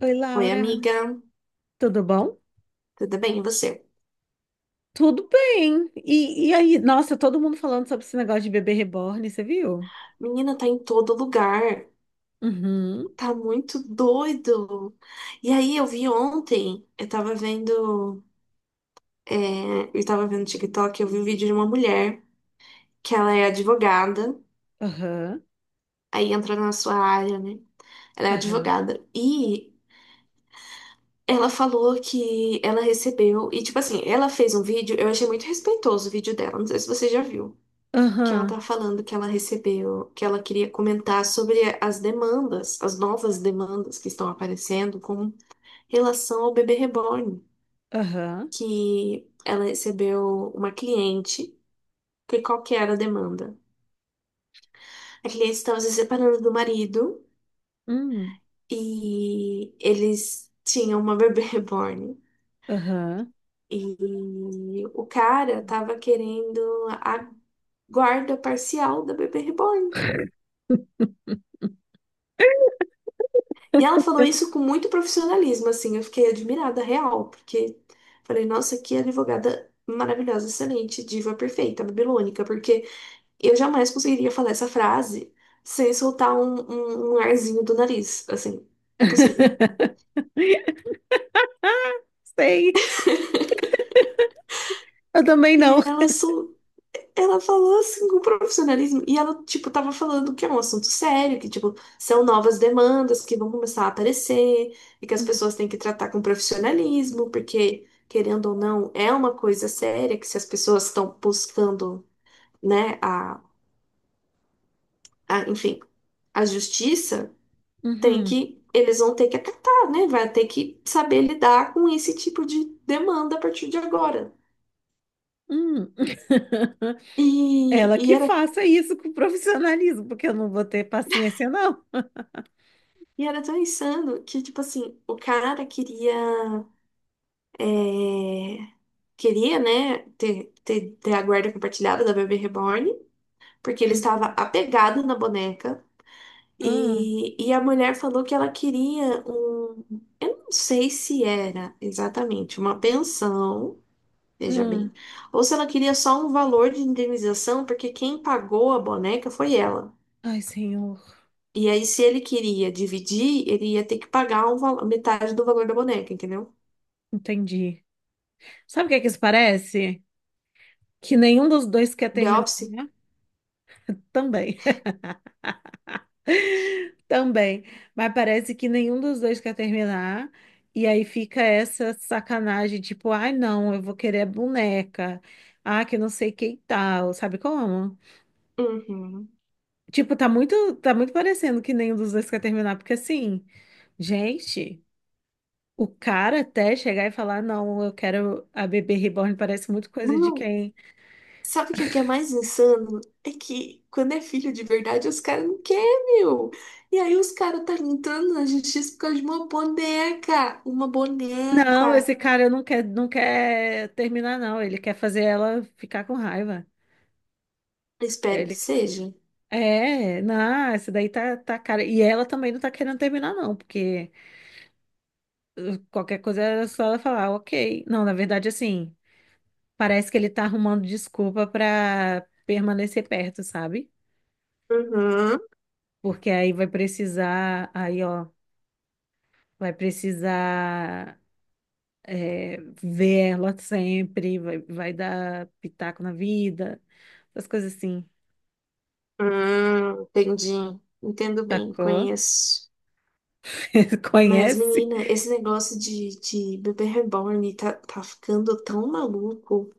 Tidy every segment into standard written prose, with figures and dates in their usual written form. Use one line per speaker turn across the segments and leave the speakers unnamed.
Oi,
Oi,
Laura,
amiga.
tudo bom?
Tudo bem? E você?
Tudo bem. E aí, nossa, todo mundo falando sobre esse negócio de bebê reborn, você viu?
Menina, tá em todo lugar.
Uhum,
Tá muito doido. E aí, eu vi ontem, eu tava vendo, é, eu tava vendo TikTok, eu vi um vídeo de uma mulher que ela é advogada,
aham,
aí entra na sua área, né? Ela é
aham,
advogada. E ela falou que ela recebeu, e tipo assim, ela fez um vídeo, eu achei muito respeitoso o vídeo dela, não sei se você já viu. Que ela tá
aham,
falando que ela recebeu, que ela queria comentar sobre as demandas, as novas demandas que estão aparecendo com relação ao bebê reborn,
aham,
que ela recebeu uma cliente, que qual que era a demanda? A cliente estava se separando do marido
hum,
e eles tinham uma bebê reborn.
aham.
E o cara tava querendo a guarda parcial da bebê reborn. E ela falou isso com muito profissionalismo, assim, eu fiquei admirada, real, porque falei, nossa, que advogada maravilhosa, excelente, diva perfeita, babilônica, porque eu jamais conseguiria falar essa frase sem soltar um arzinho do nariz, assim, impossível.
Sei, eu também
E
não.
ela sol Ela falou assim com profissionalismo e ela, tipo, tava falando que é um assunto sério, que, tipo, são novas demandas que vão começar a aparecer e que as pessoas têm que tratar com profissionalismo, porque, querendo ou não, é uma coisa séria que se as pessoas estão buscando, né, enfim, a justiça, tem
Uhum,
que, eles vão ter que acatar, né? Vai ter que saber lidar com esse tipo de demanda a partir de agora.
hum.
E,
Ela
e
que
era
faça isso com profissionalismo, porque eu não vou ter paciência, não.
E era tão insano que, tipo assim, o cara queria, é, queria, né, ter a guarda compartilhada da bebê reborn, porque ele estava
Uhum.
apegado na boneca.
Hum,
E a mulher falou que ela queria um. Eu não sei se era exatamente uma pensão, veja
hum.
bem, ou se ela queria só um valor de indenização, porque quem pagou a boneca foi ela.
Ai, senhor,
E aí, se ele queria dividir, ele ia ter que pagar um metade do valor da boneca, entendeu?
entendi. Sabe o que é que isso parece? Que nenhum dos dois quer
The
terminar,
Office?
né? Também, também. Mas parece que nenhum dos dois quer terminar. E aí fica essa sacanagem, tipo, ai, não, eu vou querer a boneca. Ah, que não sei quem tal, sabe como?
Uhum.
Tipo, tá muito parecendo que nenhum dos dois quer terminar, porque assim, gente, o cara até chegar e falar, não, eu quero a bebê reborn, parece muito coisa de
Não,
quem.
sabe o que que é mais insano? É que quando é filho de verdade, os caras não querem, meu. E aí os caras tá entrando na justiça por causa de uma boneca. Uma
Não,
boneca.
esse cara não quer, não quer terminar, não. Ele quer fazer ela ficar com raiva.
Espero que
Ele
seja.
É, não, essa daí tá cara. E ela também não tá querendo terminar, não, porque qualquer coisa era só ela falar, ok. Não, na verdade, assim, parece que ele tá arrumando desculpa pra permanecer perto, sabe?
Uhum.
Porque aí vai precisar, aí, ó, vai precisar é, ver ela sempre, vai, vai dar pitaco na vida, essas coisas assim,
Entendi. Entendo bem,
sacou?
conheço. Mas,
Conhece?
menina, esse negócio de bebê reborn tá ficando tão maluco.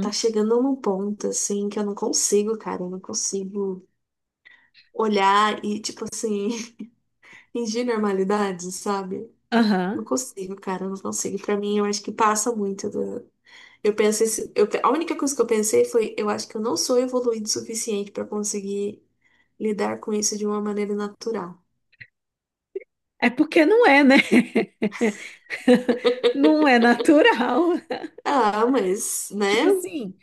Tá chegando num ponto, assim, que eu não consigo, cara. Eu não consigo olhar e, tipo assim, fingir normalidade, sabe? Não
Aham.
consigo, cara, não consigo. Pra mim, eu acho que passa muito do... Eu pensei, a única coisa que eu pensei foi, eu acho que eu não sou evoluído o suficiente pra conseguir lidar com isso de uma maneira natural.
É porque não é, né? Não é natural.
Ah, mas,
Tipo
né?
assim,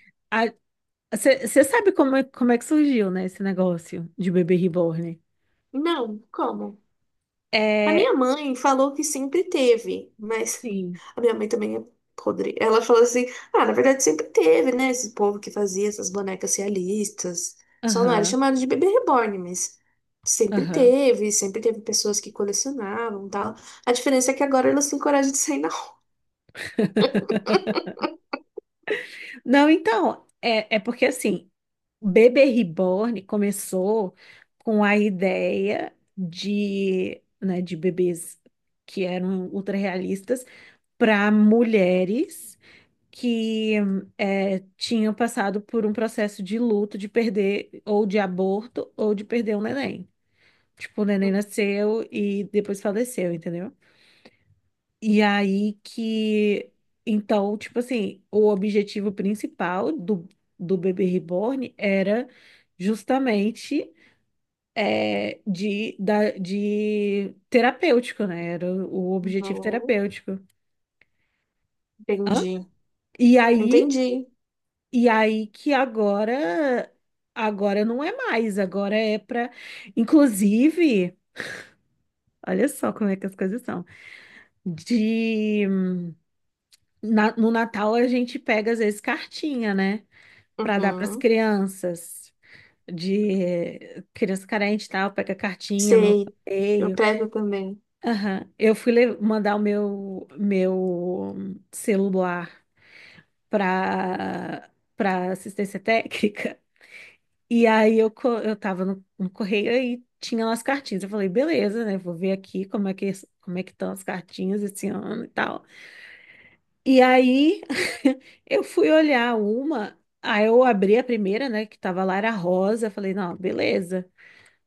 você sabe como é que surgiu, né, esse negócio de bebê reborn?
Não, como? A minha
É,
mãe falou que sempre teve, mas
sim.
a minha mãe também é podre. Ela falou assim: ah, na verdade sempre teve, né? Esse povo que fazia essas bonecas realistas. Só não era
Aham,
chamado de bebê reborn, mas
aham.
sempre teve pessoas que colecionavam e tal. A diferença é que agora elas têm coragem de sair na rua.
Não, então, é porque assim, bebê reborn começou com a ideia de, né, de bebês que eram ultra realistas para mulheres. Que tinham passado por um processo de luto, de perder ou de aborto ou de perder um neném. Tipo, o neném nasceu e depois faleceu, entendeu? E aí que. Então, tipo assim, o objetivo principal do bebê reborn era justamente de terapêutico, né? Era o objetivo
Uhum.
terapêutico. Hã?
Entendi.
E aí
Entendi.
E aí que agora não é mais, agora é para, inclusive, olha só como é que as coisas são. De no Natal a gente pega às vezes cartinha, né, para dar para as
Uhum.
crianças de criança carente e tal, pega cartinha no
Sei. Eu
correio.
pego também.
Aham. Eu fui mandar o meu celular para para assistência técnica. E aí eu tava no correio e tinha lá as cartinhas. Eu falei, beleza, né? Vou ver aqui como é que estão as cartinhas esse ano e tal. E aí eu fui olhar uma, aí eu abri a primeira, né? Que tava lá, era rosa. Eu falei, não, beleza,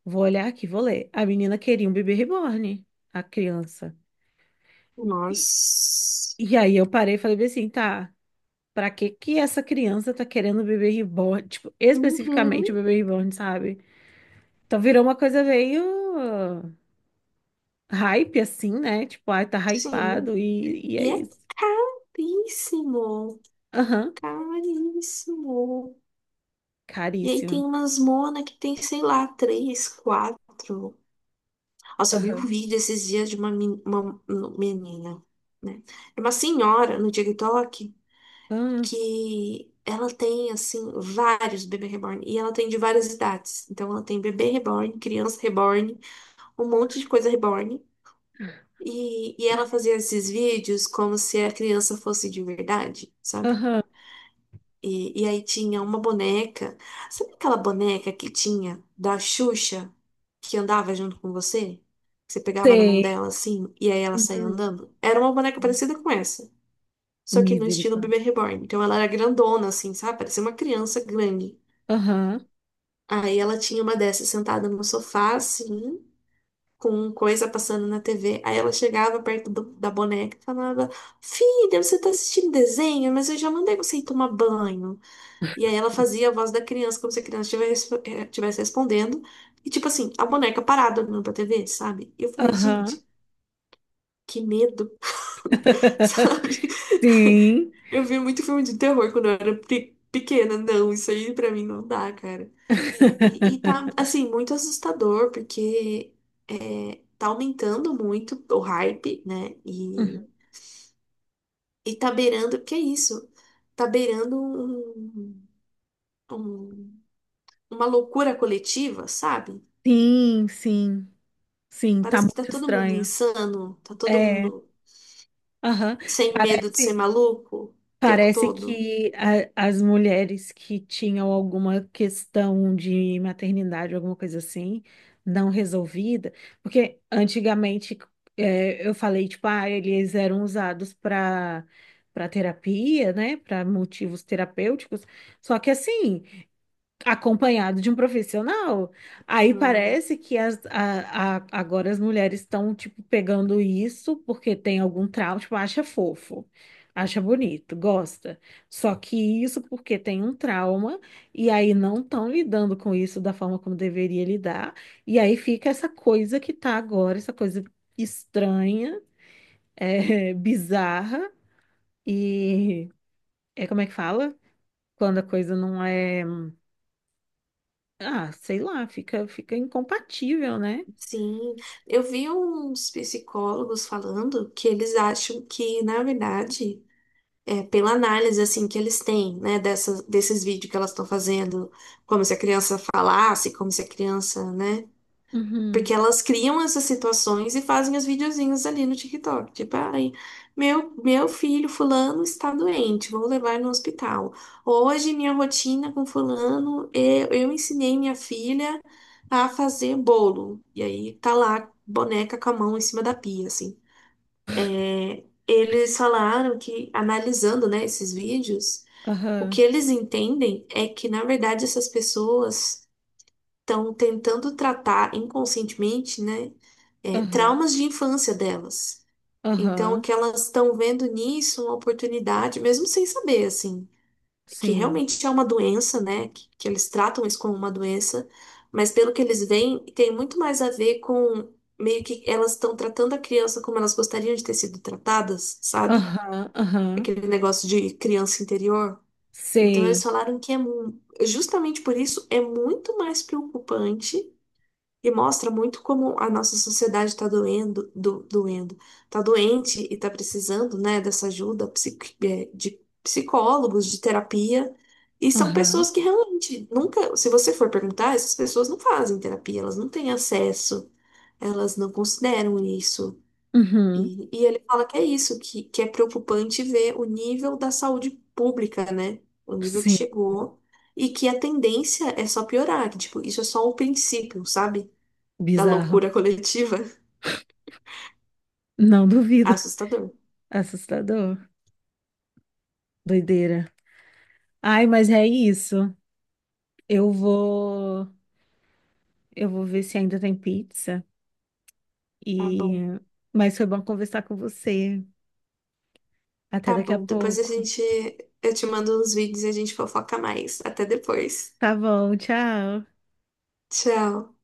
vou olhar aqui, vou ler. A menina queria um bebê reborn, a criança. E,
Nossa.
e aí eu parei e falei bem assim, tá. Pra que que essa criança tá querendo um bebê reborn? Tipo, especificamente
Uhum.
o bebê reborn, sabe? Então virou uma coisa meio hype assim, né? Tipo, ai, tá
Sim.
hypado e é
E é
isso.
caríssimo,
Aham,
caríssimo. E aí
caríssimo.
tem umas mona que tem, sei lá, três, quatro. Nossa, eu vi um
Aham,
vídeo esses dias de uma, uma menina, né? É uma senhora no TikTok
aham,
que ela tem, assim, vários bebê reborn. E ela tem de várias idades. Então ela tem bebê reborn, criança reborn, um monte de coisa reborn. E ela fazia esses vídeos como se a criança fosse de verdade, sabe?
aham.
E aí tinha uma boneca. Sabe aquela boneca que tinha da Xuxa que andava junto com você? Que você pegava na mão
Sei.
dela assim e aí ela saía
Uhum.
andando? Era uma boneca parecida com essa, só que no estilo
Misericórdia.
bebê reborn. Então ela era grandona assim, sabe? Parecia uma criança grande.
Aham,
Aí ela tinha uma dessas sentada no sofá assim, com coisa passando na TV. Aí ela chegava perto da boneca e falava: Filha, você tá assistindo desenho, mas eu já mandei você ir tomar banho. E aí ela fazia a voz da criança, como se a criança estivesse estivesse respondendo. E tipo assim, a boneca parada olhando pra TV, sabe? E eu falei,
aham.
gente, que medo, sabe?
Sim.
Eu vi muito filme de terror quando eu era pequena. Não, isso aí pra mim não dá, cara. E tá, assim, muito assustador, porque tá aumentando muito o hype, né? E,
Uhum.
e tá beirando, que é isso? Tá beirando um, um- uma loucura coletiva, sabe?
Sim, sim, sim, tá
Parece que tá
muito
todo mundo
estranho.
insano, tá todo
É,
mundo
aham.
sem medo de ser
Parece.
maluco o tempo
Parece
todo.
que as mulheres que tinham alguma questão de maternidade, alguma coisa assim, não resolvida, porque antigamente eu falei, tipo, ah, eles eram usados para terapia, né, para motivos terapêuticos, só que assim acompanhado de um profissional. Aí
Uhum.
parece que agora as mulheres estão, tipo, pegando isso porque tem algum trauma, tipo, acha fofo, acha bonito, gosta. Só que isso porque tem um trauma e aí não estão lidando com isso da forma como deveria lidar. E aí fica essa coisa que tá agora, essa coisa estranha, é, bizarra e... É como é que fala? Quando a coisa não é, ah, sei lá, fica incompatível, né?
Sim, eu vi uns psicólogos falando que eles acham que, na verdade, é pela análise assim que eles têm, né, desses vídeos que elas estão fazendo, como se a criança falasse, como se a criança, né?
Uhum.
Porque elas criam essas situações e fazem os videozinhos ali no TikTok. Tipo, ai, meu filho fulano está doente, vou levar no hospital. Hoje, minha rotina com fulano, eu ensinei minha filha a fazer bolo. E aí tá lá, boneca com a mão em cima da pia, assim. É, eles falaram que, analisando, né, esses vídeos, o que
Aham,
eles entendem é que, na verdade, essas pessoas estão tentando tratar inconscientemente, né,
aham,
traumas de infância delas. Então, o
aham,
que elas estão vendo nisso, é uma oportunidade, mesmo sem saber, assim, que
sim.
realmente é uma doença, né, que eles tratam isso como uma doença, mas pelo que eles veem, tem muito mais a ver com meio que elas estão tratando a criança como elas gostariam de ter sido tratadas, sabe?
Aham, aham,
Aquele negócio de criança interior. Então, eles
sei.
falaram que é justamente por isso é muito mais preocupante e mostra muito como a nossa sociedade está doendo, está doente e está precisando, né, dessa ajuda de psicólogos, de terapia. E são
Aham,
pessoas que realmente nunca, se você for perguntar, essas pessoas não fazem terapia, elas não têm acesso, elas não consideram isso.
uhum,
E ele fala que é isso, que é preocupante ver o nível da saúde pública, né? O nível que
sim.
chegou e que a tendência é só piorar, que, tipo, isso é só o princípio, sabe? Da
Bizarro.
loucura coletiva,
Não duvido.
assustador.
Assustador. Doideira. Ai, mas é isso. Eu vou, eu vou ver se ainda tem pizza.
Tá
E,
bom.
mas foi bom conversar com você. Até
Tá
daqui a
bom, depois a
pouco.
gente. Eu te mando uns vídeos e a gente fofoca mais. Até depois.
Tá bom, tchau.
Tchau.